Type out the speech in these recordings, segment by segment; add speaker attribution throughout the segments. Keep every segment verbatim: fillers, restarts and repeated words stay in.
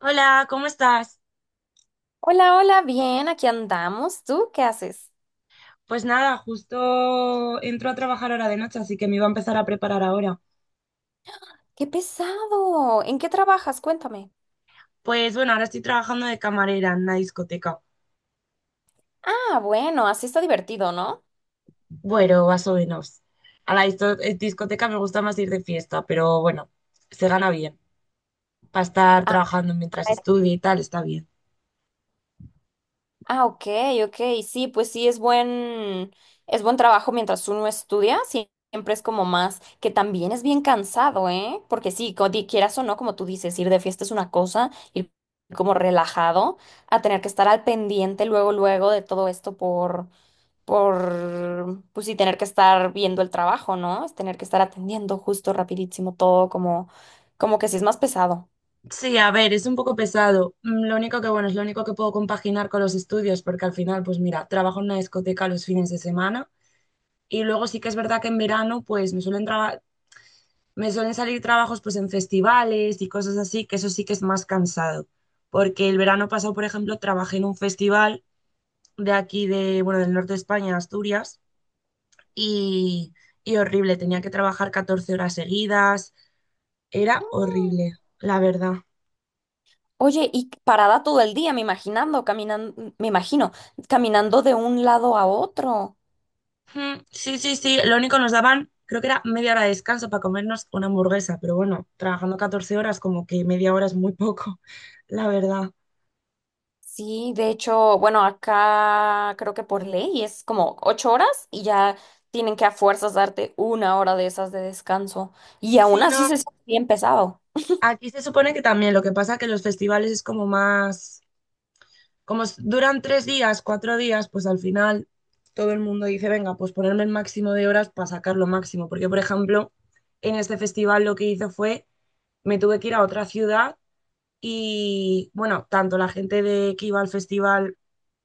Speaker 1: Hola, ¿cómo estás?
Speaker 2: Hola, hola, bien, aquí andamos. ¿Tú qué haces?
Speaker 1: Pues nada, justo entro a trabajar ahora de noche, así que me iba a empezar a preparar ahora.
Speaker 2: ¡Qué pesado! ¿En qué trabajas? Cuéntame.
Speaker 1: Pues bueno, ahora estoy trabajando de camarera en una discoteca.
Speaker 2: Ah, bueno, así está divertido, ¿no?
Speaker 1: Bueno, más o menos. A la disto- eh, discoteca me gusta más ir de fiesta, pero bueno, se gana bien. Para estar
Speaker 2: Ah,
Speaker 1: trabajando mientras
Speaker 2: es-
Speaker 1: estudio y tal, está bien.
Speaker 2: ah, ok, ok, sí, pues sí, es buen, es buen trabajo mientras uno estudia, sí, siempre es como más, que también es bien cansado, ¿eh? Porque sí, co- di- quieras o no, como tú dices, ir de fiesta es una cosa, ir como relajado, a tener que estar al pendiente luego, luego de todo esto por por, pues sí, tener que estar viendo el trabajo, ¿no? Es tener que estar atendiendo justo, rapidísimo, todo como, como que sí es más pesado.
Speaker 1: Sí, a ver, es un poco pesado. Mm, Lo único que bueno, es lo único que puedo compaginar con los estudios, porque al final, pues mira, trabajo en una discoteca los fines de semana. Y luego sí que es verdad que en verano, pues me suelen Me suelen salir trabajos pues en festivales y cosas así, que eso sí que es más cansado, porque el verano pasado, por ejemplo, trabajé en un festival de aquí de, bueno, del norte de España, Asturias, y, y horrible, tenía que trabajar catorce horas seguidas, era
Speaker 2: Mm.
Speaker 1: horrible, la verdad.
Speaker 2: Oye, y parada todo el día, me imaginando, caminando, me imagino, caminando de un lado a otro.
Speaker 1: Mm, Sí, sí, sí, lo único nos daban, creo que era media hora de descanso para comernos una hamburguesa, pero bueno, trabajando catorce horas como que media hora es muy poco, la verdad.
Speaker 2: Sí, de hecho, bueno, acá creo que por ley es como ocho horas y ya tienen que a fuerzas darte una hora de esas de descanso. Y aún
Speaker 1: Sí,
Speaker 2: así
Speaker 1: no,
Speaker 2: se siente bien pesado.
Speaker 1: aquí se supone que también, lo que pasa es que los festivales es como más, como s- duran tres días, cuatro días, pues al final todo el mundo dice, venga, pues ponerme el máximo de horas para sacar lo máximo. Porque, por ejemplo, en este festival lo que hice fue, me tuve que ir a otra ciudad y, bueno, tanto la gente de que iba al festival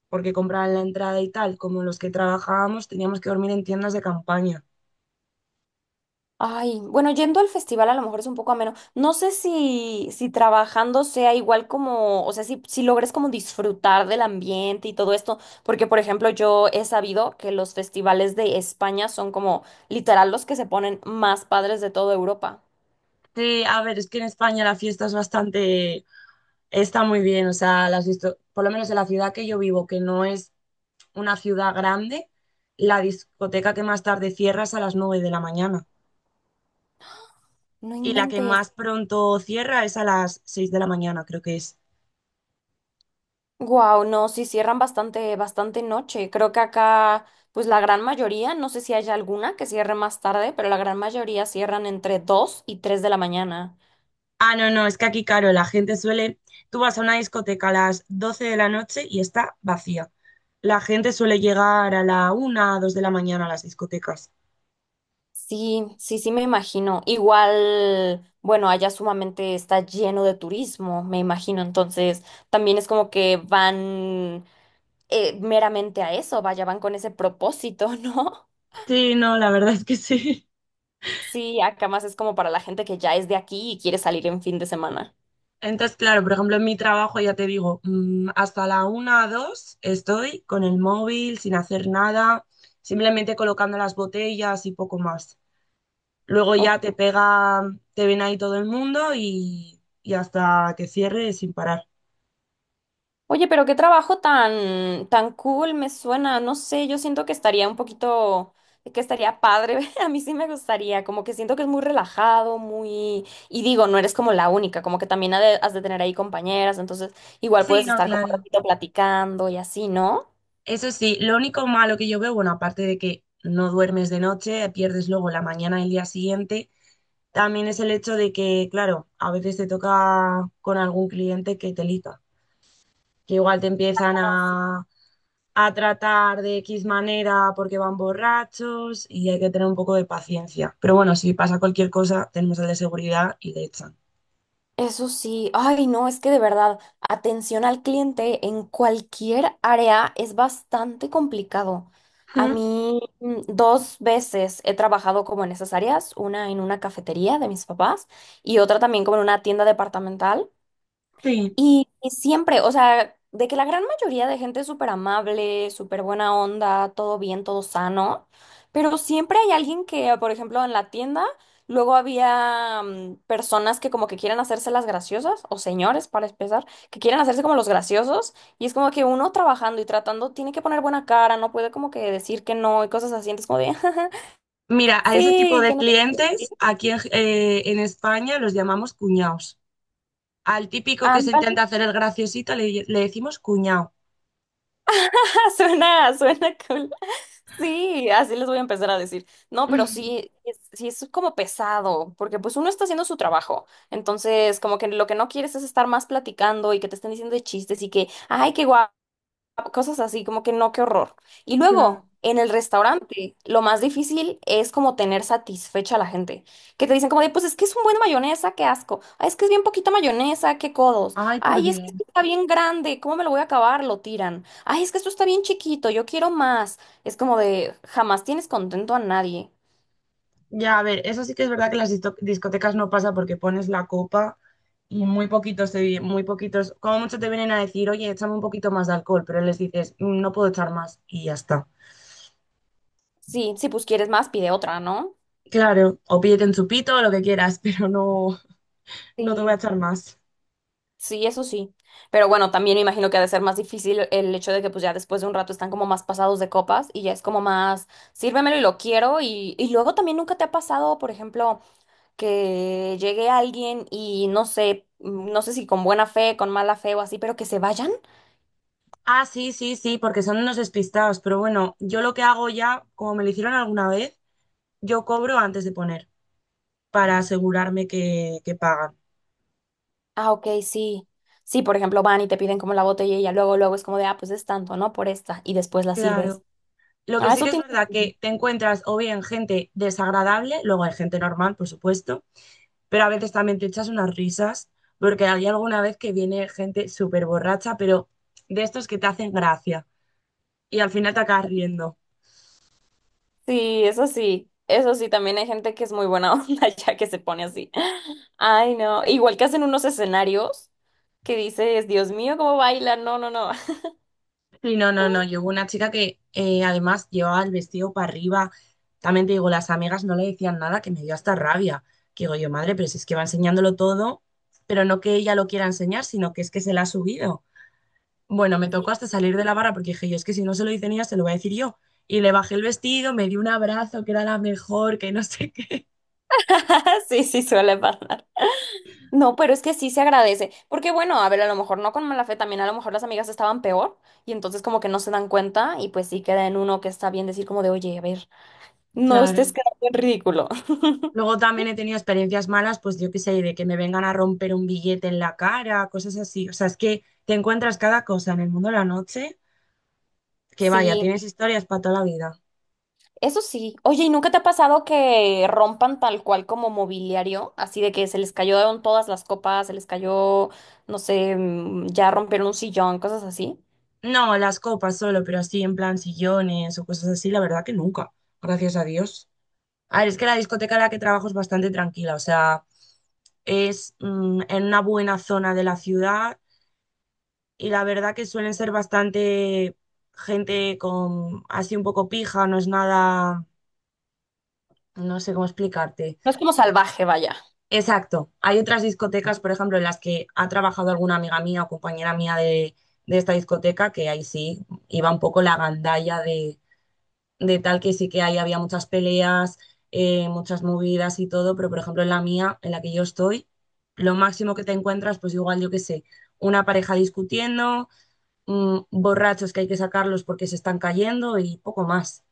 Speaker 1: porque compraban la entrada y tal, como los que trabajábamos, teníamos que dormir en tiendas de campaña.
Speaker 2: Ay, bueno, yendo al festival a lo mejor es un poco ameno. No sé si, si trabajando sea igual como, o sea, si, si logres como disfrutar del ambiente y todo esto, porque por ejemplo yo he sabido que los festivales de España son como literal los que se ponen más padres de toda Europa.
Speaker 1: Sí, a ver, es que en España la fiesta es bastante. Está muy bien, o sea, las disto- por lo menos en la ciudad que yo vivo, que no es una ciudad grande, la discoteca que más tarde cierra es a las nueve de la mañana,
Speaker 2: No
Speaker 1: y la que
Speaker 2: inventes.
Speaker 1: más pronto cierra es a las seis de la mañana, creo que es.
Speaker 2: Wow, no, sí cierran bastante, bastante noche. Creo que acá, pues la gran mayoría, no sé si haya alguna que cierre más tarde, pero la gran mayoría cierran entre dos y tres de la mañana.
Speaker 1: Ah, no, no, es que aquí, claro, la gente suele, tú vas a una discoteca a las doce de la noche y está vacía. La gente suele llegar a la una, dos de la mañana a las discotecas.
Speaker 2: Sí, sí, sí me imagino. Igual, bueno, allá sumamente está lleno de turismo, me imagino. Entonces, también es como que van eh, meramente a eso, vaya, van con ese propósito, ¿no?
Speaker 1: Sí, no, la verdad es que sí.
Speaker 2: Sí, acá más es como para la gente que ya es de aquí y quiere salir en fin de semana.
Speaker 1: Entonces, claro, por ejemplo, en mi trabajo ya te digo, mm, hasta la una, dos estoy con el móvil, sin hacer nada, simplemente colocando las botellas y poco más. Luego ya te pega, te ven ahí todo el mundo y, y hasta que cierre sin parar.
Speaker 2: Oye, pero qué trabajo tan, tan cool me suena. No sé, yo siento que estaría un poquito, que estaría padre. A mí sí me gustaría, como que siento que es muy relajado, muy... Y digo, no eres como la única, como que también ha de- has de tener ahí compañeras, entonces igual
Speaker 1: Sí,
Speaker 2: puedes
Speaker 1: no,
Speaker 2: estar como un
Speaker 1: claro.
Speaker 2: ratito platicando y así, ¿no?
Speaker 1: Eso sí, lo único malo que yo veo, bueno, aparte de que no duermes de noche, pierdes luego la mañana y el día siguiente, también es el hecho de que, claro, a veces te toca con algún cliente que te lita. Que igual te empiezan a, a tratar de X manera porque van borrachos y hay que tener un poco de paciencia. Pero bueno, si pasa cualquier cosa, tenemos el de seguridad y le echan.
Speaker 2: Eso sí, ay no, es que de verdad, atención al cliente en cualquier área es bastante complicado. A
Speaker 1: Ujú,
Speaker 2: mí mm, dos veces he trabajado como en esas áreas, una en una cafetería de mis papás y otra también como en una tienda departamental.
Speaker 1: sí.
Speaker 2: Y, y siempre, o sea, de que la gran mayoría de gente es súper amable, súper buena onda, todo bien, todo sano, pero siempre hay alguien que, por ejemplo, en la tienda, luego había mm, personas que como que quieren hacerse las graciosas, o señores, para empezar, que quieren hacerse como los graciosos, y es como que uno trabajando y tratando tiene que poner buena cara, no puede como que decir que no y cosas así, entonces como de,
Speaker 1: Mira, a ese tipo
Speaker 2: sí,
Speaker 1: de
Speaker 2: que no
Speaker 1: clientes aquí en, eh, en España los llamamos cuñados. Al típico que se intenta
Speaker 2: te...
Speaker 1: hacer el graciosito le, le decimos cuñado.
Speaker 2: Suena, suena cool. Sí, así les voy a empezar a decir. No, pero sí, es- sí es como pesado, porque pues uno está haciendo su trabajo. Entonces, como que lo que no quieres es estar más platicando y que te estén diciendo de chistes y que, ay, qué guay cosas así, como que no, qué horror. Y
Speaker 1: Claro.
Speaker 2: luego, en el restaurante, lo más difícil es como tener satisfecha a la gente, que te dicen como de, pues es que es un buen de mayonesa, qué asco, ay, es que es bien poquita mayonesa, qué codos,
Speaker 1: Ay, por
Speaker 2: ay, es que
Speaker 1: Dios.
Speaker 2: esto está bien grande, ¿cómo me lo voy a acabar? Lo tiran, ay, es que esto está bien chiquito, yo quiero más. Es como de, jamás tienes contento a nadie.
Speaker 1: Ya, a ver, eso sí que es verdad que en las disto- discotecas no pasa porque pones la copa y muy poquitos te vi- muy poquitos, como mucho te vienen a decir, oye, échame un poquito más de alcohol, pero les dices, "Mm, no puedo echar más y ya está.
Speaker 2: Sí, si pues quieres más, pide otra, ¿no?
Speaker 1: Claro, o pídete un chupito o lo que quieras, pero no, no te voy a
Speaker 2: Sí.
Speaker 1: echar más.
Speaker 2: Sí, eso sí. Pero bueno, también me imagino que ha de ser más difícil el hecho de que pues ya después de un rato están como más pasados de copas y ya es como más, sírvemelo y lo quiero. Y, y luego también nunca te ha pasado, por ejemplo, que llegue alguien y no sé, mm, no sé si con buena fe, con mala fe o así, pero que se vayan.
Speaker 1: Ah, sí, sí, sí, porque son unos despistados, pero bueno, yo lo que hago ya, como me lo hicieron alguna vez, yo cobro antes de poner para asegurarme que, que pagan.
Speaker 2: Ah, ok, sí. Sí, por ejemplo, van y te piden como la botella y ya luego, luego es como de, ah, pues es tanto, ¿no? Por esta. Y después la sirves.
Speaker 1: Claro. Lo que
Speaker 2: Ah,
Speaker 1: sí que
Speaker 2: eso
Speaker 1: es
Speaker 2: tiene
Speaker 1: verdad
Speaker 2: sentido.
Speaker 1: que te encuentras o bien gente desagradable, luego hay gente normal, por supuesto, pero a veces también te echas unas risas, porque hay alguna vez que viene gente súper borracha, pero de estos que te hacen gracia y al final te acabas riendo.
Speaker 2: Sí, eso sí, eso sí, también hay gente que es muy buena onda ya que se pone así. Ay, no, igual que hacen unos escenarios que dices, Dios mío, cómo baila, no, no, no.
Speaker 1: Sí, no, no, no, yo hubo una chica que eh, además llevaba el vestido para arriba, también te digo, las amigas no le decían nada, que me dio hasta rabia, que digo yo, madre, pero si es que va enseñándolo todo, pero no que ella lo quiera enseñar, sino que es que se la ha subido. Bueno, me tocó hasta salir de la barra porque dije, yo es que si no se lo dicen ellas, se lo voy a decir yo. Y le bajé el vestido, me dio un abrazo, que era la mejor, que no sé qué.
Speaker 2: Sí, sí, suele pasar. No, pero es que sí se agradece, porque bueno, a ver, a lo mejor no con mala fe, también a lo mejor las amigas estaban peor y entonces como que no se dan cuenta y pues sí queda en uno que está bien decir como de, oye, a ver, no estés
Speaker 1: Claro.
Speaker 2: quedando en ridículo.
Speaker 1: Luego también he tenido experiencias malas, pues yo qué sé, de que me vengan a romper un billete en la cara, cosas así. O sea, es que te encuentras cada cosa en el mundo de la noche, que vaya,
Speaker 2: Sí.
Speaker 1: tienes historias para toda la vida.
Speaker 2: Eso sí. Oye, ¿y nunca te ha pasado que rompan tal cual como mobiliario? Así de que se les cayeron todas las copas, se les cayó, no sé, mm, ya rompieron un sillón, cosas así.
Speaker 1: No, las copas solo, pero así en plan sillones o cosas así, la verdad que nunca, gracias a Dios. A ver, es que la discoteca en la que trabajo es bastante tranquila, o sea, es mm, en una buena zona de la ciudad y la verdad que suelen ser bastante gente con así un poco pija, no es nada, no sé cómo explicarte.
Speaker 2: No es como salvaje, vaya.
Speaker 1: Exacto, hay otras discotecas, por ejemplo, en las que ha trabajado alguna amiga mía o compañera mía de, de esta discoteca, que ahí sí iba un poco la gandalla de, de tal que sí que ahí había muchas peleas, eh, muchas movidas y todo, pero por ejemplo en la mía, en la que yo estoy, lo máximo que te encuentras, pues igual yo qué sé, una pareja discutiendo, mm, borrachos que hay que sacarlos porque se están cayendo y poco más.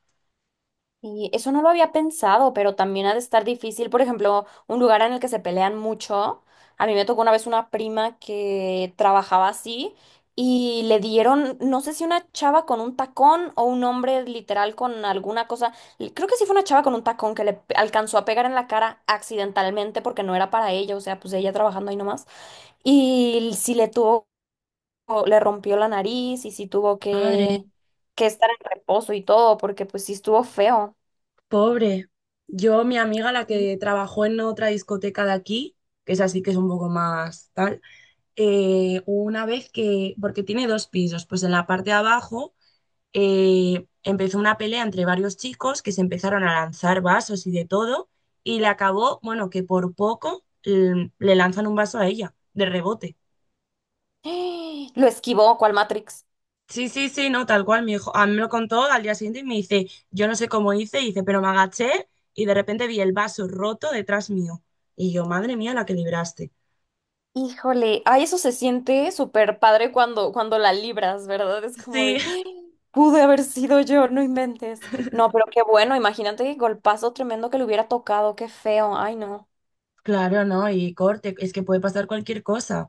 Speaker 2: Y eso no lo había pensado, pero también ha de estar difícil. Por ejemplo, un lugar en el que se pelean mucho. A mí me tocó una vez una prima que trabajaba así y le dieron, no sé si una chava con un tacón o un hombre literal con alguna cosa. l- Creo que sí fue una chava con un tacón que le pe- alcanzó a pegar en la cara accidentalmente porque no era para ella, o sea, pues ella trabajando ahí nomás. Y sí le tuvo, le rompió la nariz y sí tuvo
Speaker 1: Madre,
Speaker 2: que, que estar en reposo y todo porque pues sí estuvo feo.
Speaker 1: pobre. Yo, mi amiga, la que trabajó en otra discoteca de aquí, que es así que es un poco más tal, eh, una vez que, porque tiene dos pisos, pues en la parte de abajo eh, empezó una pelea entre varios chicos que se empezaron a lanzar vasos y de todo, y le acabó, bueno, que por poco l- le lanzan un vaso a ella, de rebote.
Speaker 2: Lo esquivó, ¿cuál Matrix.
Speaker 1: Sí, sí, sí, no, tal cual, mi hijo, a mí me lo contó al día siguiente y me dice, yo no sé cómo hice, y dice, pero me agaché y de repente vi el vaso roto detrás mío. Y yo, madre mía, la que libraste.
Speaker 2: Híjole, ay, eso se siente súper padre cuando, cuando la libras, ¿verdad? Es como
Speaker 1: Sí,
Speaker 2: de, pude haber sido yo, no inventes. No, pero qué bueno, imagínate qué golpazo tremendo que le hubiera tocado, qué feo, ay, no.
Speaker 1: claro, no, y corte, es que puede pasar cualquier cosa.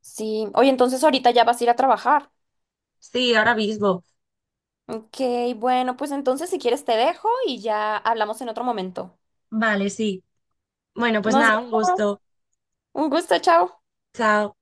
Speaker 2: Sí, oye, entonces ahorita ya vas a ir a trabajar.
Speaker 1: Sí, ahora mismo.
Speaker 2: Ok, bueno, pues entonces si quieres te dejo y ya hablamos en otro momento.
Speaker 1: Vale, sí. Bueno, pues
Speaker 2: Nos
Speaker 1: nada, un
Speaker 2: vemos.
Speaker 1: gusto.
Speaker 2: Un gusto, chao.
Speaker 1: Chao.